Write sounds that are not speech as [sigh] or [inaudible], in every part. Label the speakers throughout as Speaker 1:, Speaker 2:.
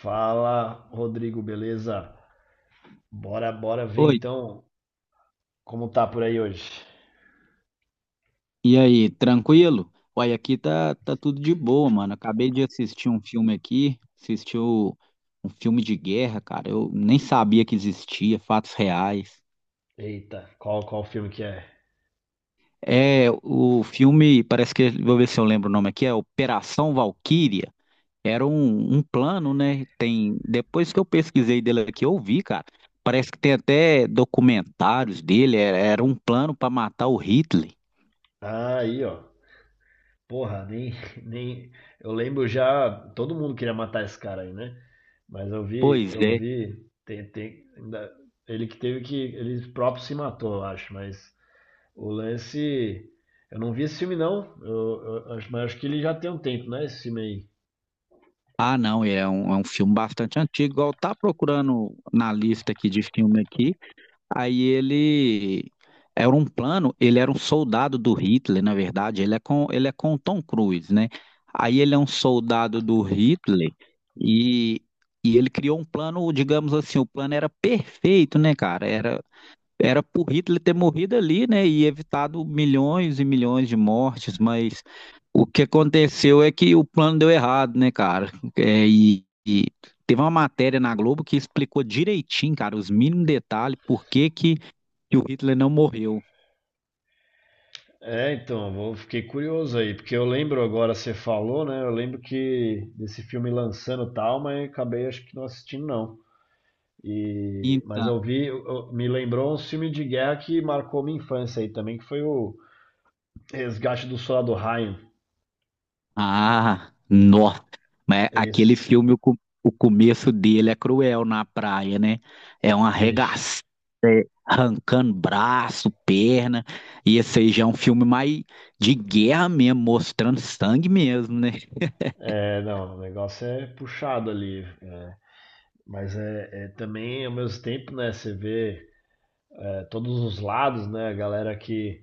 Speaker 1: Fala, Rodrigo, beleza? Bora, bora ver
Speaker 2: Oi,
Speaker 1: então como tá por aí hoje.
Speaker 2: e aí, tranquilo? Uai, aqui tá tudo de boa, mano. Acabei de assistir um filme aqui, assistiu um filme de guerra, cara. Eu nem sabia que existia, fatos reais.
Speaker 1: Eita, qual filme que é?
Speaker 2: É, o filme, parece que, vou ver se eu lembro o nome aqui, é Operação Valquíria. Era um plano, né? Tem, depois que eu pesquisei dele aqui, eu vi, cara. Parece que tem até documentários dele, era um plano para matar o Hitler.
Speaker 1: Ah, aí, ó. Porra, nem [laughs] nem eu lembro já. Todo mundo queria matar esse cara aí, né? Mas eu vi,
Speaker 2: Pois
Speaker 1: eu
Speaker 2: é.
Speaker 1: vi ele que teve, que ele próprio se matou, eu acho. Mas o lance, eu não vi esse filme não. Mas acho que ele já tem um tempo, né, esse filme aí.
Speaker 2: Ah, não, é um filme bastante antigo. Igual tá procurando na lista aqui de filme aqui. Aí ele era um plano, ele era um soldado do Hitler, na verdade, ele é com o Tom Cruise, né? Aí ele é um soldado do Hitler e e ele criou um plano, digamos assim, o plano era perfeito, né, cara? Era pro Hitler ter morrido ali, né, e evitado milhões e milhões de mortes, mas o que aconteceu é que o plano deu errado, né, cara? É, e teve uma matéria na Globo que explicou direitinho, cara, os mínimos detalhes, por que que o Hitler não morreu.
Speaker 1: É, então, fiquei curioso aí, porque eu lembro agora, você falou, né? Eu lembro que desse filme lançando e tal, mas acabei, acho que não, assistindo não. E mas eu
Speaker 2: Então,
Speaker 1: vi, me lembrou um filme de guerra que marcou minha infância aí também, que foi o Resgate do Soldado Ryan.
Speaker 2: ah, nossa. Mas aquele
Speaker 1: Esse,
Speaker 2: filme, o começo dele é cruel na praia, né? É uma
Speaker 1: vixe.
Speaker 2: arregaçada, arrancando braço, perna. E esse aí já é um filme mais de guerra mesmo, mostrando sangue mesmo, né?
Speaker 1: É, não, o negócio é puxado ali. Mas é também ao mesmo tempo, né? Você vê, todos os lados, né? A galera que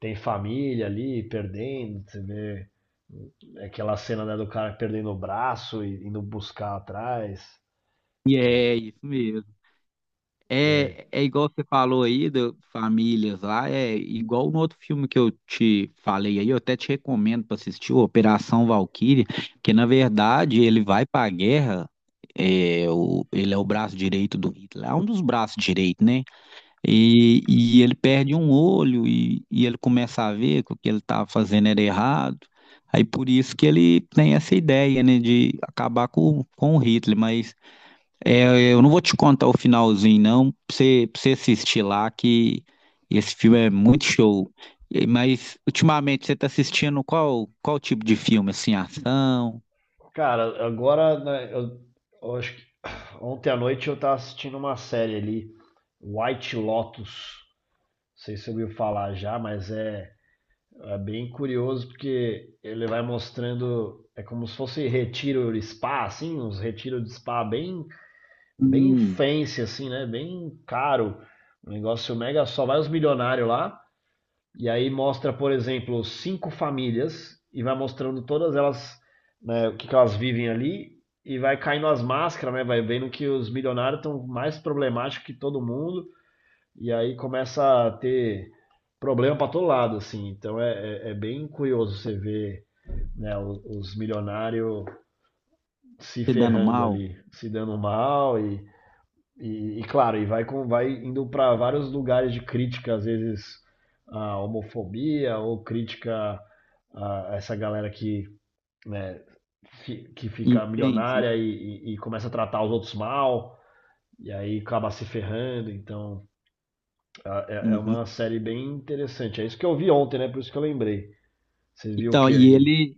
Speaker 1: tem família ali perdendo, você vê. Aquela cena, né, do cara perdendo o braço e indo buscar atrás.
Speaker 2: E é isso mesmo. É igual você falou aí, famílias lá, é igual no outro filme que eu te falei aí, eu até te recomendo para assistir, o Operação Valquíria, que na verdade ele vai para a guerra, ele é o braço direito do Hitler, é um dos braços direitos, né? E ele perde um olho e ele começa a ver que o que ele estava fazendo era errado, aí por isso que ele tem essa ideia, né, de acabar com o Hitler, mas. É, eu não vou te contar o finalzinho, não, pra você assistir lá, que esse filme é muito show. Mas, ultimamente, você tá assistindo qual tipo de filme? Assim, ação?
Speaker 1: Cara, agora né, eu acho que [sighs] ontem à noite eu tava assistindo uma série ali, White Lotus. Não sei se você ouviu falar já, mas é, é bem curioso porque ele vai mostrando. É como se fosse retiro de spa, assim, uns retiros de spa bem, bem
Speaker 2: Hum,
Speaker 1: fancy, assim, né? Bem caro. Um negócio mega, só vai os milionários lá. E aí mostra, por exemplo, cinco famílias, e vai mostrando todas elas, né, o que, que elas vivem ali, e vai caindo as máscaras, né? Vai vendo que os milionários estão mais problemáticos que todo mundo, e aí começa a ter problema para todo lado, assim. Então é bem curioso você ver, né, os milionários se
Speaker 2: se dando
Speaker 1: ferrando
Speaker 2: mal?
Speaker 1: ali, se dando mal, e, claro, e vai, vai indo para vários lugares de crítica, às vezes a homofobia, ou crítica a essa galera que, né, que fica
Speaker 2: Entende?
Speaker 1: milionária, e começa a tratar os outros mal, e aí acaba se ferrando. Então é
Speaker 2: Uhum.
Speaker 1: uma série bem interessante. É isso que eu vi ontem, né? Por isso que eu lembrei. Você viu o
Speaker 2: Então,
Speaker 1: que
Speaker 2: e
Speaker 1: aí?
Speaker 2: ele,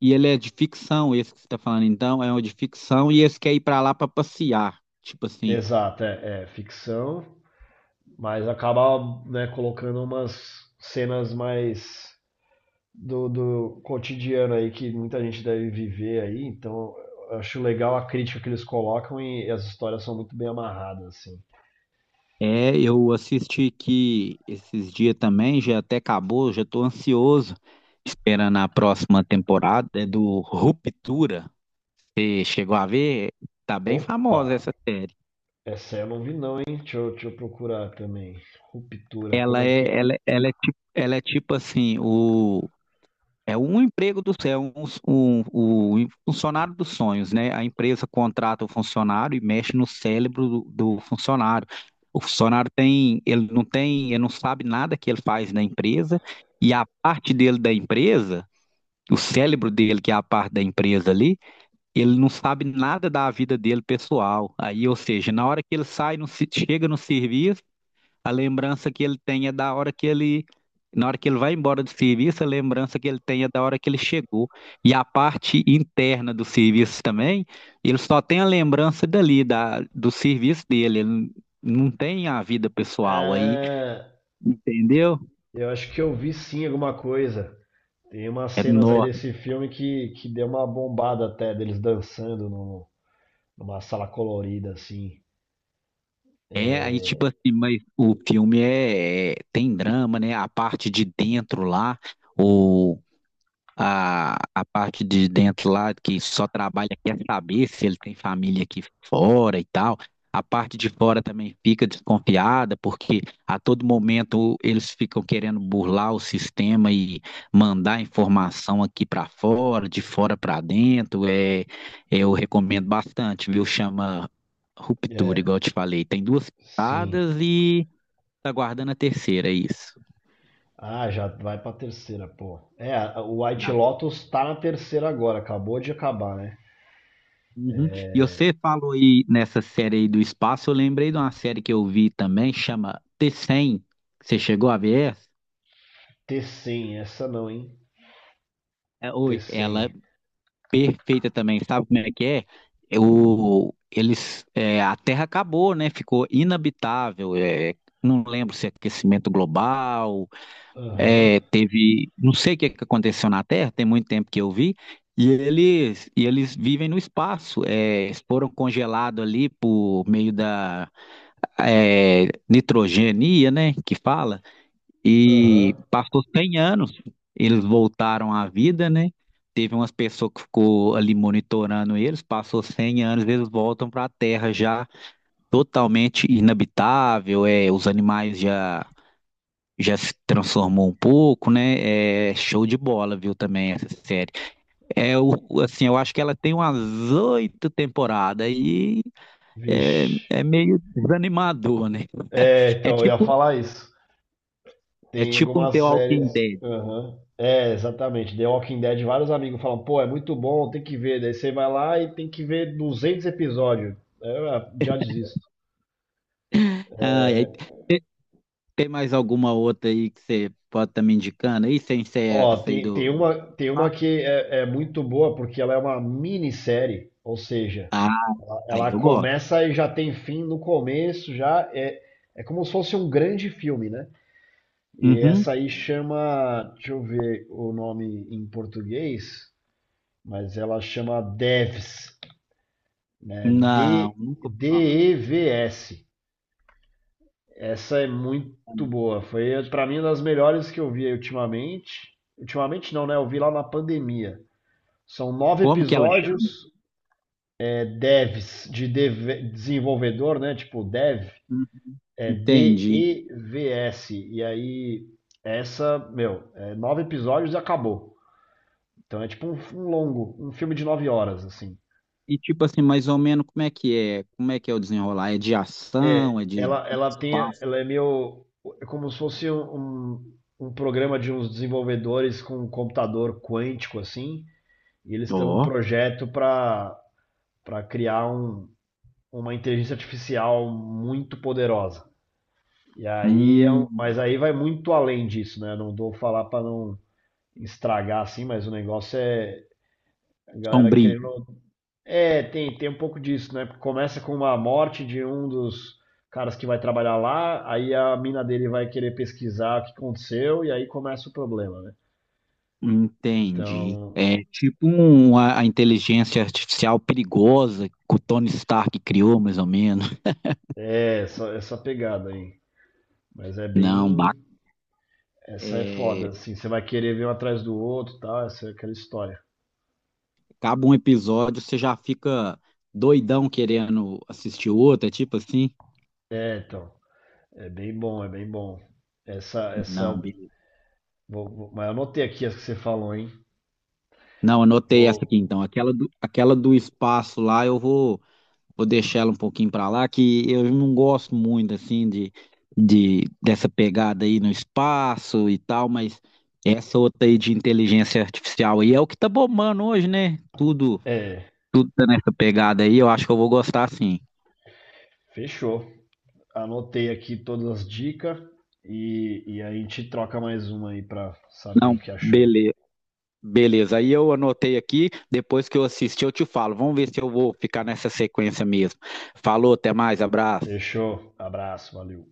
Speaker 2: e ele é de ficção, esse que você tá falando, então, é um de ficção, e esse quer ir pra lá pra passear. Tipo assim.
Speaker 1: Exato, é, é ficção, mas acaba, né, colocando umas cenas mais do, do cotidiano aí que muita gente deve viver aí, então eu acho legal a crítica que eles colocam, e as histórias são muito bem amarradas, assim.
Speaker 2: É, eu assisti que esses dias também, já até acabou, já estou ansioso, esperando a próxima temporada, é do Ruptura. Você chegou a ver? Tá bem famosa
Speaker 1: Opa,
Speaker 2: essa série.
Speaker 1: essa eu não vi não, hein? Deixa eu procurar também. Ruptura, como
Speaker 2: Ela
Speaker 1: é que...
Speaker 2: é, ela, é, ela é tipo assim, o É um emprego do céu, um funcionário dos sonhos, né? A empresa contrata o funcionário e mexe no cérebro do funcionário. O funcionário tem, ele não sabe nada que ele faz na empresa e a parte dele da empresa, o cérebro dele que é a parte da empresa ali, ele não sabe nada da vida dele pessoal. Aí, ou seja, na hora que ele sai, chega no serviço a lembrança que ele tem é da hora que ele, na hora que ele vai embora do serviço, a lembrança que ele tem é da hora que ele chegou. E a parte interna do serviço também, ele só tem a lembrança dali, do serviço dele. Ele não tem a vida pessoal aí,
Speaker 1: Ah,
Speaker 2: entendeu?
Speaker 1: eu acho que eu vi sim alguma coisa. Tem umas
Speaker 2: É,
Speaker 1: cenas aí
Speaker 2: nó.
Speaker 1: desse filme que deu uma bombada até, deles dançando no, numa sala colorida, assim.
Speaker 2: É aí, tipo assim, mas o filme é, tem drama, né? A parte de dentro lá, o a parte de dentro lá, que só trabalha, quer saber se ele tem família aqui fora e tal. A parte de fora também fica desconfiada, porque a todo momento eles ficam querendo burlar o sistema e mandar informação aqui para fora, de fora para dentro. É, eu recomendo bastante, viu? Chama Ruptura,
Speaker 1: É,
Speaker 2: igual eu te falei. Tem duas
Speaker 1: sim.
Speaker 2: paradas e tá guardando a terceira, é isso.
Speaker 1: Ah, já vai pra terceira, pô. É, o White Lotus tá na terceira agora, acabou de acabar, né?
Speaker 2: Uhum. E você falou aí nessa série aí do espaço, eu lembrei de uma série que eu vi também, chama T100. Você chegou a ver essa?
Speaker 1: T100, essa não, hein?
Speaker 2: É, oi,
Speaker 1: T100.
Speaker 2: ela é perfeita também, sabe como é que é? A Terra acabou, né? Ficou inabitável. Não lembro se é aquecimento global,
Speaker 1: Aham,
Speaker 2: não sei o que é que aconteceu na Terra, tem muito tempo que eu vi. E eles vivem no espaço, eles foram congelados ali por meio da nitrogenia, né, que fala, e
Speaker 1: aham.
Speaker 2: passou 100 anos, eles voltaram à vida, né, teve umas pessoas que ficou ali monitorando eles, passou 100 anos, eles voltam para a Terra já totalmente inabitável, os animais já se transformou um pouco, né? É show de bola, viu, também essa série. É o, assim, eu acho que ela tem umas 8 temporadas e é,
Speaker 1: Vixe.
Speaker 2: é meio desanimador, né?
Speaker 1: É,
Speaker 2: É
Speaker 1: então, eu ia
Speaker 2: tipo
Speaker 1: falar isso.
Speaker 2: É
Speaker 1: Tem
Speaker 2: tipo um The
Speaker 1: algumas
Speaker 2: Walking
Speaker 1: séries.
Speaker 2: Dead.
Speaker 1: Aham. É, exatamente. The Walking Dead, vários amigos falam, pô, é muito bom, tem que ver. Daí você vai lá e tem que ver 200 episódios. É, já desisto.
Speaker 2: Ah, e aí tem mais alguma outra aí que você pode estar me indicando? Aí sem ser
Speaker 1: Ó,
Speaker 2: essa aí
Speaker 1: tem, tem
Speaker 2: do. do-
Speaker 1: uma, tem
Speaker 2: Ah,
Speaker 1: uma que é muito boa, porque ela é uma minissérie, ou seja,
Speaker 2: ah,
Speaker 1: ela,
Speaker 2: aí
Speaker 1: ela
Speaker 2: eu gosto.
Speaker 1: começa e já tem fim no começo. Já é, é como se fosse um grande filme, né? E
Speaker 2: Uhum.
Speaker 1: essa aí chama, deixa eu ver o nome em português, mas ela chama Devs, né?
Speaker 2: Não, nunca ouvi falar.
Speaker 1: D-E-V-S. Essa é muito boa, foi para mim uma das melhores que eu vi ultimamente. Ultimamente não, né? Eu vi lá na pandemia. São nove
Speaker 2: Como que ela
Speaker 1: episódios.
Speaker 2: chama?
Speaker 1: É, devs, desenvolvedor, né? Tipo, dev,
Speaker 2: Uhum.
Speaker 1: é
Speaker 2: Entendi.
Speaker 1: Devs. E V S. E aí, essa, meu, é nove episódios e acabou. Então é tipo um, um longo, um filme de nove horas, assim.
Speaker 2: E tipo assim, mais ou menos como é que é? Como é que é o desenrolar? É de ação? É
Speaker 1: É,
Speaker 2: de
Speaker 1: ela, ela tem,
Speaker 2: espaço?
Speaker 1: ela é meio, é como se fosse um programa de uns desenvolvedores com um computador quântico, assim, e eles têm um
Speaker 2: Ó.
Speaker 1: projeto para criar um, uma inteligência artificial muito poderosa. E aí é um,
Speaker 2: Hum,
Speaker 1: mas aí vai muito além disso, né? Não vou falar para não estragar, assim, mas o negócio é a galera querendo.
Speaker 2: sombrio.
Speaker 1: É, tem um pouco disso, né? Porque começa com uma morte de um dos caras que vai trabalhar lá, aí a mina dele vai querer pesquisar o que aconteceu, e aí começa o problema, né?
Speaker 2: Entendi.
Speaker 1: Então,
Speaker 2: É tipo a inteligência artificial perigosa que o Tony Stark criou, mais ou menos.
Speaker 1: é essa, essa pegada aí. Mas é
Speaker 2: Não,
Speaker 1: bem. Essa é
Speaker 2: é,
Speaker 1: foda, assim. Você vai querer ver um atrás do outro e tal, essa é aquela história.
Speaker 2: acaba um episódio, você já fica doidão querendo assistir outro, é tipo assim?
Speaker 1: É, então. É bem bom, é bem bom. Essa,
Speaker 2: Não,
Speaker 1: essa.
Speaker 2: beleza.
Speaker 1: Mas eu anotei aqui as que você falou, hein?
Speaker 2: Não, anotei
Speaker 1: Vou.
Speaker 2: essa aqui então. Aquela do espaço lá, eu vou deixar ela um pouquinho pra lá, que eu não gosto muito assim de dessa pegada aí no espaço e tal, mas essa outra aí de inteligência artificial aí é o que tá bombando hoje, né? Tudo,
Speaker 1: É,
Speaker 2: tudo tá nessa pegada aí, eu acho que eu vou gostar sim.
Speaker 1: fechou. Anotei aqui todas as dicas, e a gente troca mais uma aí pra saber
Speaker 2: Não,
Speaker 1: o que achou.
Speaker 2: beleza. Beleza, aí eu anotei aqui, depois que eu assistir eu te falo. Vamos ver se eu vou ficar nessa sequência mesmo. Falou, até mais, abraço.
Speaker 1: Fechou. Abraço, valeu.